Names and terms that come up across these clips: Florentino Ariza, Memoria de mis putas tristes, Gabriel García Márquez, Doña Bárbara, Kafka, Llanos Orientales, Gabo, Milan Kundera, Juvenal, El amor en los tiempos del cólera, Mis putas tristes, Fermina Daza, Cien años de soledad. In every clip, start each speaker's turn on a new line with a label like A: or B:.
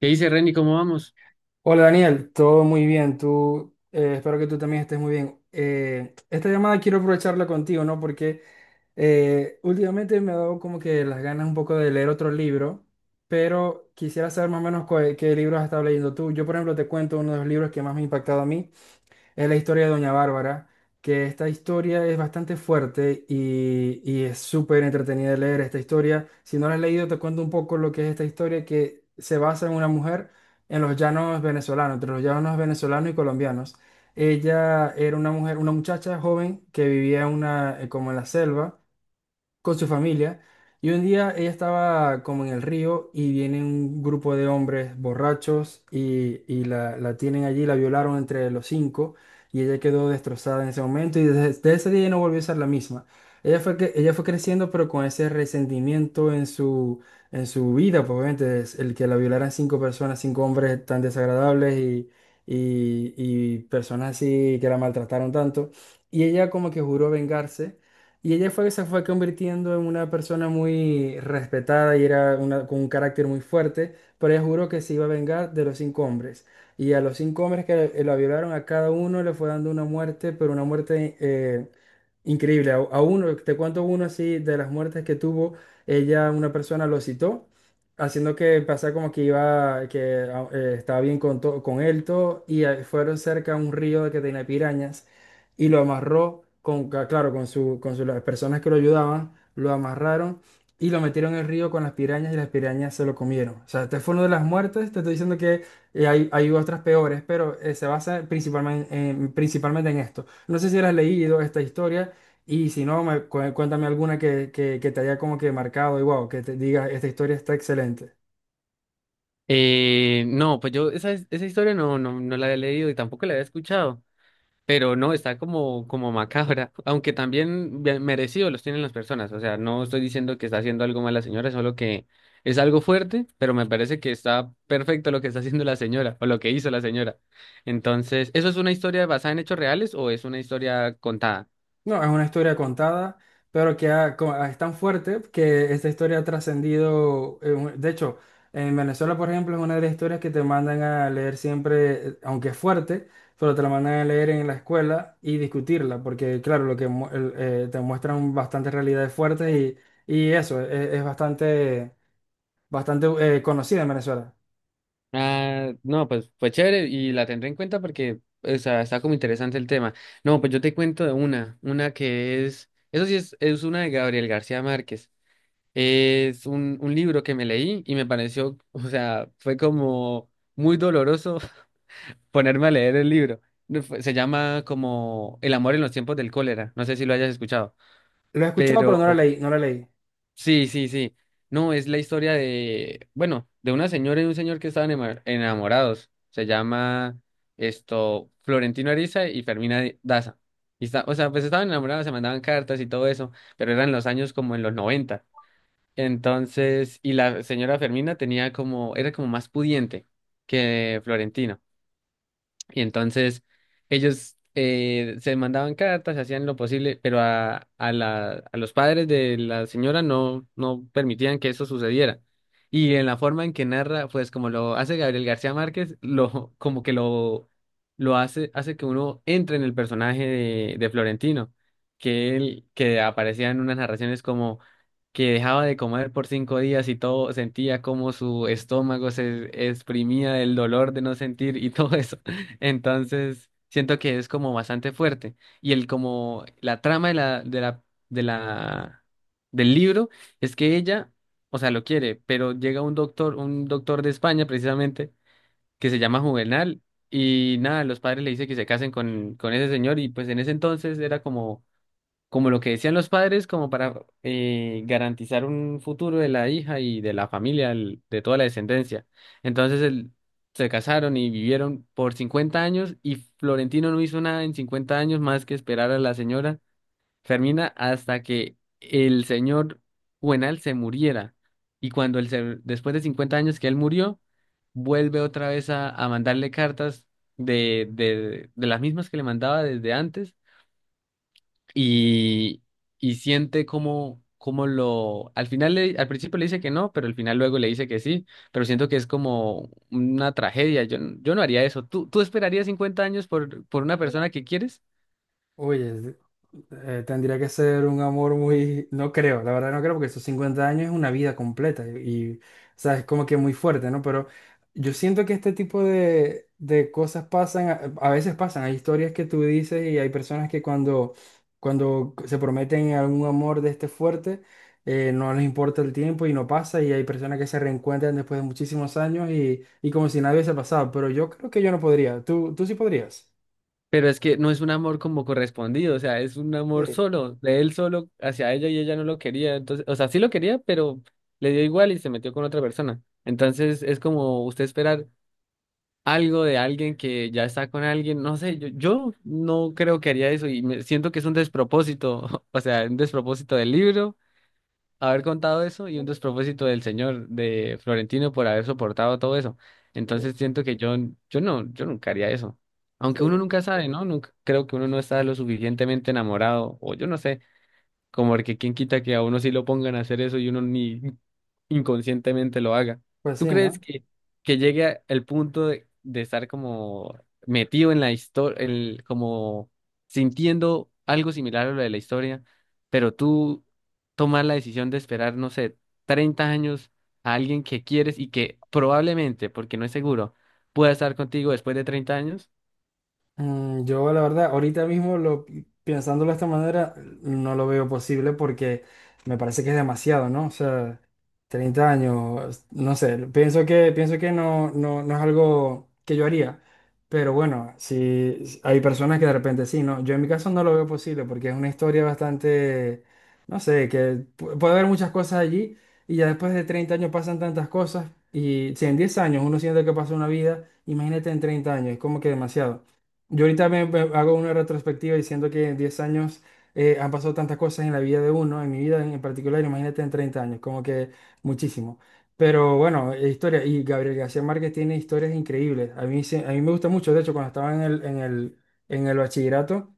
A: ¿Qué dice Renny? ¿Cómo vamos?
B: Hola Daniel, todo muy bien. Tú, espero que tú también estés muy bien. Esta llamada quiero aprovecharla contigo, ¿no? Porque últimamente me ha dado como que las ganas un poco de leer otro libro, pero quisiera saber más o menos qué libros has estado leyendo tú. Yo, por ejemplo, te cuento uno de los libros que más me ha impactado a mí es la historia de Doña Bárbara, que esta historia es bastante fuerte y es súper entretenida de leer esta historia. Si no la has leído, te cuento un poco lo que es esta historia, que se basa en una mujer en los llanos venezolanos, entre los llanos venezolanos y colombianos. Ella era una mujer, una muchacha joven que vivía en como en la selva con su familia, y un día ella estaba como en el río y viene un grupo de hombres borrachos y la tienen allí, la violaron entre los cinco, y ella quedó destrozada en ese momento, y desde ese día ella no volvió a ser la misma. Ella fue creciendo pero con ese resentimiento en en su vida, pues obviamente es el que la violaran cinco personas, cinco hombres tan desagradables , y personas así que la maltrataron tanto. Y ella como que juró vengarse, y se fue convirtiendo en una persona muy respetada y era una, con un carácter muy fuerte, pero ella juró que se iba a vengar de los cinco hombres. Y a los cinco hombres que la violaron, a cada uno le fue dando una muerte, pero una muerte increíble. A uno, te cuento uno así, de las muertes que tuvo, ella, una persona lo citó, haciendo que pasara como que iba, que estaba bien con, con él todo, y fueron cerca a un río que tenía pirañas, y lo amarró claro, con las personas que lo ayudaban, lo amarraron y lo metieron en el río con las pirañas, y las pirañas se lo comieron. O sea, este fue uno de las muertes, te estoy diciendo que hay otras peores, pero se basa principalmente principalmente en esto. No sé si has leído esta historia, y si no, cuéntame alguna que te haya como que marcado y wow, que te diga, esta historia está excelente.
A: No, pues yo esa historia no la había leído y tampoco la había escuchado, pero no, está como macabra, aunque también bien merecido los tienen las personas, o sea, no estoy diciendo que está haciendo algo mal la señora, solo que es algo fuerte, pero me parece que está perfecto lo que está haciendo la señora o lo que hizo la señora. Entonces, ¿eso es una historia basada en hechos reales o es una historia contada?
B: No, es una historia contada, pero que es tan fuerte que esta historia ha trascendido. De hecho, en Venezuela, por ejemplo, es una de las historias que te mandan a leer siempre, aunque es fuerte, pero te la mandan a leer en la escuela y discutirla, porque claro, lo que mu- el- te muestran bastantes realidades fuertes, y eso es bastante, bastante conocida en Venezuela.
A: Ah, no, pues fue chévere y la tendré en cuenta porque o sea, está como interesante el tema. No, pues yo te cuento de una que es, eso sí es una de Gabriel García Márquez. Es un libro que me leí y me pareció, o sea, fue como muy doloroso ponerme a leer el libro. No fue- Se llama como El amor en los tiempos del cólera, no sé si lo hayas escuchado,
B: Lo he escuchado, pero
A: pero
B: no la leí, no la leí.
A: sí, sí. No, es la historia de, bueno, de una señora y un señor que estaban enamorados. Se llama esto Florentino Ariza y Fermina Daza. Y está, o sea, pues estaban enamorados, se mandaban cartas y todo eso, pero eran los años como en los 90. Entonces, y la señora Fermina tenía como, era como más pudiente que Florentino. Y entonces ellos se mandaban cartas, hacían lo posible, pero a los padres de la señora no permitían que eso sucediera. Y en la forma en que narra, pues como lo hace Gabriel García Márquez, lo, como que lo hace, hace que uno entre en el personaje de Florentino, que él, que aparecía en unas narraciones como que dejaba de comer por 5 días y todo sentía como su estómago se exprimía del dolor de no sentir y todo eso. Entonces, siento que es como bastante fuerte. Y el como la trama de la, del libro es que ella, o sea, lo quiere, pero llega un doctor de España precisamente, que se llama Juvenal, y nada, los padres le dicen que se casen con ese señor, y pues en ese entonces era como como lo que decían los padres, como para garantizar un futuro de la hija y de la familia, de toda la descendencia. Entonces el- Se casaron y vivieron por 50 años y Florentino no hizo nada en 50 años más que esperar a la señora Fermina hasta que el señor Juvenal se muriera. Y cuando después de 50 años que él murió, vuelve otra vez a mandarle cartas de las mismas que le mandaba desde antes y, y siente como, como lo, al final, al principio le dice que no, pero al final luego le dice que sí, pero siento que es como una tragedia, yo, yo no haría eso. ¿Tú, tú esperarías 50 años por una persona que quieres?
B: Oye, tendría que ser un amor muy, no creo, la verdad no creo, porque esos 50 años es una vida completa y, o sea, es como que muy fuerte, ¿no? Pero yo siento que este tipo de cosas pasan, a veces pasan, hay historias que tú dices y hay personas que cuando se prometen algún amor de este fuerte, no les importa el tiempo y no pasa, y hay personas que se reencuentran después de muchísimos años y como si nada hubiese pasado, pero yo creo que yo no podría, tú, ¿tú sí podrías?
A: Pero es que no es un amor como correspondido, o sea, es un
B: Sí,
A: amor solo, de él solo hacia ella y ella no lo quería, entonces, o sea, sí lo quería, pero le dio igual y se metió con otra persona. Entonces es como usted esperar algo de alguien que ya está con alguien, no sé, yo no creo que haría eso y me siento que es un despropósito, o sea, un despropósito del libro haber contado eso y un despropósito del señor de Florentino por haber soportado todo eso.
B: sí,
A: Entonces siento que yo nunca haría eso.
B: sí.
A: Aunque uno nunca sabe, ¿no? Nunca, creo que uno no está lo suficientemente enamorado, o yo no sé. Como que quién quita que a uno sí lo pongan a hacer eso y uno ni inconscientemente lo haga.
B: Pues
A: ¿Tú
B: sí,
A: crees
B: ¿no?
A: que el punto de estar como metido en la historia, el, como sintiendo algo similar a lo de la historia, pero tú tomas la decisión de esperar, no sé, 30 años a alguien que quieres y que probablemente, porque no es seguro, pueda estar contigo después de 30 años?
B: Mm, yo la verdad, pensándolo de esta manera, no lo veo posible, porque me parece que es demasiado, ¿no? O sea, 30 años, no sé, pienso que no, no, no es algo que yo haría. Pero bueno, si hay personas que de repente sí, ¿no? Yo en mi caso no lo veo posible, porque es una historia bastante, no sé, que puede haber muchas cosas allí, y ya después de 30 años pasan tantas cosas, y si en 10 años uno siente que pasó una vida, imagínate en 30 años, es como que demasiado. Yo ahorita me hago una retrospectiva diciendo que en 10 años han pasado tantas cosas en la vida de uno, en mi vida en particular, imagínate en 30 años, como que muchísimo. Pero bueno, y Gabriel García Márquez tiene historias increíbles. A mí, a mí me gusta mucho, de hecho, cuando estaba en en el bachillerato,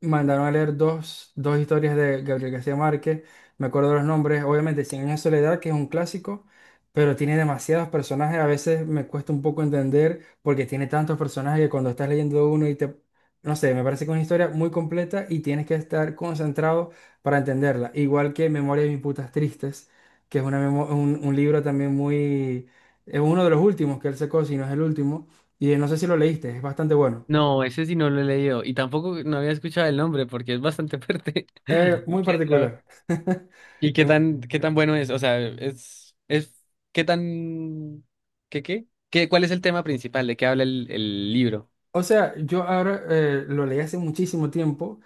B: mandaron a leer dos historias de Gabriel García Márquez, me acuerdo los nombres, obviamente Cien años de soledad, que es un clásico, pero tiene demasiados personajes, a veces me cuesta un poco entender porque tiene tantos personajes que cuando estás leyendo uno no sé, me parece que es una historia muy completa y tienes que estar concentrado para entenderla, igual que Memoria de mis putas tristes, que es una un libro también muy, es uno de los últimos que él sacó, si no es el último, y no sé si lo leíste, es bastante bueno,
A: No, ese sí no lo he leído y tampoco no había escuchado el nombre porque es bastante fuerte.
B: es muy
A: Pero
B: particular.
A: ¿y qué tan bueno es? O sea, es, ¿qué tan, qué, qué? ¿Qué, cuál es el tema principal? ¿De qué habla el libro?
B: O sea, yo ahora lo leí hace muchísimo tiempo,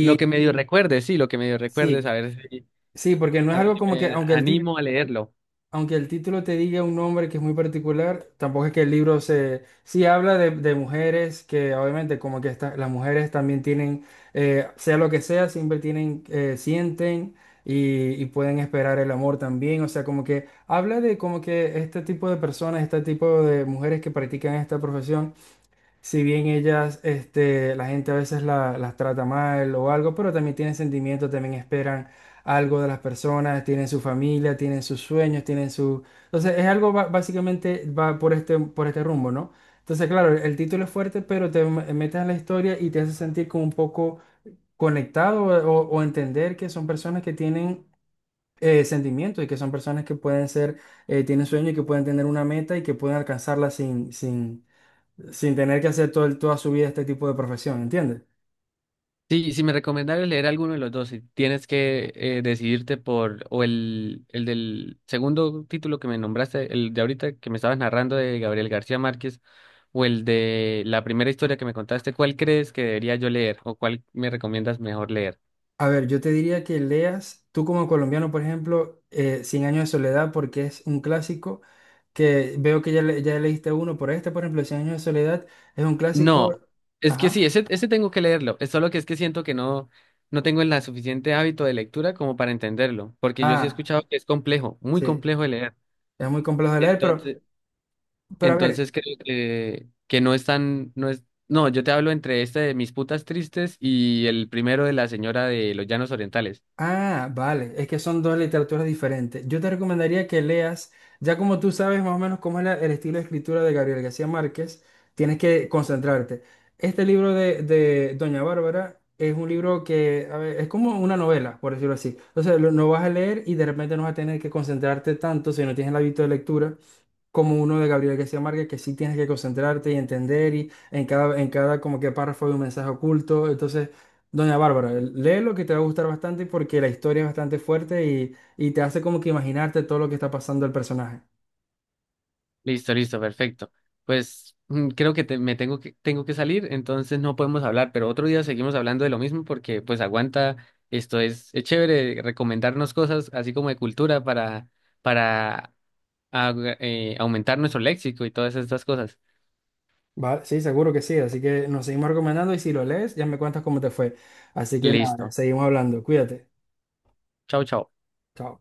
A: Lo que medio recuerde, sí, lo que medio recuerde,
B: sí, sí, porque no
A: a
B: es
A: ver
B: algo
A: si
B: como que,
A: me animo a leerlo.
B: aunque el título te diga un nombre que es muy particular, tampoco es que el libro se... Sí habla de mujeres que obviamente como que las mujeres también tienen, sea lo que sea, siempre tienen, sienten y pueden esperar el amor también. O sea, como que habla de como que este tipo de personas, este tipo de mujeres que practican esta profesión. Si bien ellas, este, la gente a veces las trata mal o algo, pero también tienen sentimientos, también esperan algo de las personas, tienen su familia, tienen sus sueños, tienen su... Entonces es algo básicamente va por este rumbo, ¿no? Entonces, claro, el, título es fuerte, pero te metes en la historia y te hace sentir como un poco conectado, o entender que son personas que tienen sentimientos, y que son personas que pueden ser, tienen sueños, y que pueden tener una meta y que pueden alcanzarla sin tener que hacer todo, toda su vida este tipo de profesión, ¿entiendes?
A: Sí, si me recomendaras leer alguno de los dos, si tienes que decidirte por, o el del segundo título que me nombraste, el de ahorita que me estabas narrando de Gabriel García Márquez, o el de la primera historia que me contaste, ¿cuál crees que debería yo leer o cuál me recomiendas mejor leer?
B: A ver, yo te diría que leas, tú como colombiano, por ejemplo, Cien años de soledad, porque es un clásico, que veo que ya, ya leíste uno, por este, por ejemplo, Cien años de soledad es un clásico,
A: No, es que sí,
B: ajá,
A: ese tengo que leerlo, es solo que es que siento que no, no tengo el la suficiente hábito de lectura como para entenderlo, porque yo sí he
B: ah,
A: escuchado que es complejo, muy
B: sí,
A: complejo de leer.
B: es muy complejo de leer,
A: Entonces...
B: pero a ver,
A: Entonces creo que no es tan, no es, no, yo te hablo entre este de Mis putas tristes y el primero de la señora de los Llanos Orientales.
B: ah, vale, es que son dos literaturas diferentes. Yo te recomendaría que leas, ya como tú sabes más o menos cómo es el estilo de escritura de Gabriel García Márquez, tienes que concentrarte. Este libro de Doña Bárbara es un libro que, a ver, es como una novela, por decirlo así. Entonces, lo, no vas a leer y de repente no vas a tener que concentrarte tanto si no tienes el hábito de lectura como uno de Gabriel García Márquez, que sí tienes que concentrarte y entender, y en cada como que párrafo hay un mensaje oculto. Entonces, Doña Bárbara, lee lo que te va a gustar bastante, porque la historia es bastante fuerte, y te hace como que imaginarte todo lo que está pasando el personaje.
A: Listo, listo, perfecto. Pues mm, creo que me tengo que salir, entonces no podemos hablar, pero otro día seguimos hablando de lo mismo porque pues aguanta, esto es chévere recomendarnos cosas así como de cultura para ah, aumentar nuestro léxico y todas estas cosas.
B: Vale, sí, seguro que sí. Así que nos seguimos recomendando, y si lo lees, ya me cuentas cómo te fue. Así que nada,
A: Listo.
B: seguimos hablando. Cuídate.
A: Chao, chao.
B: Chao.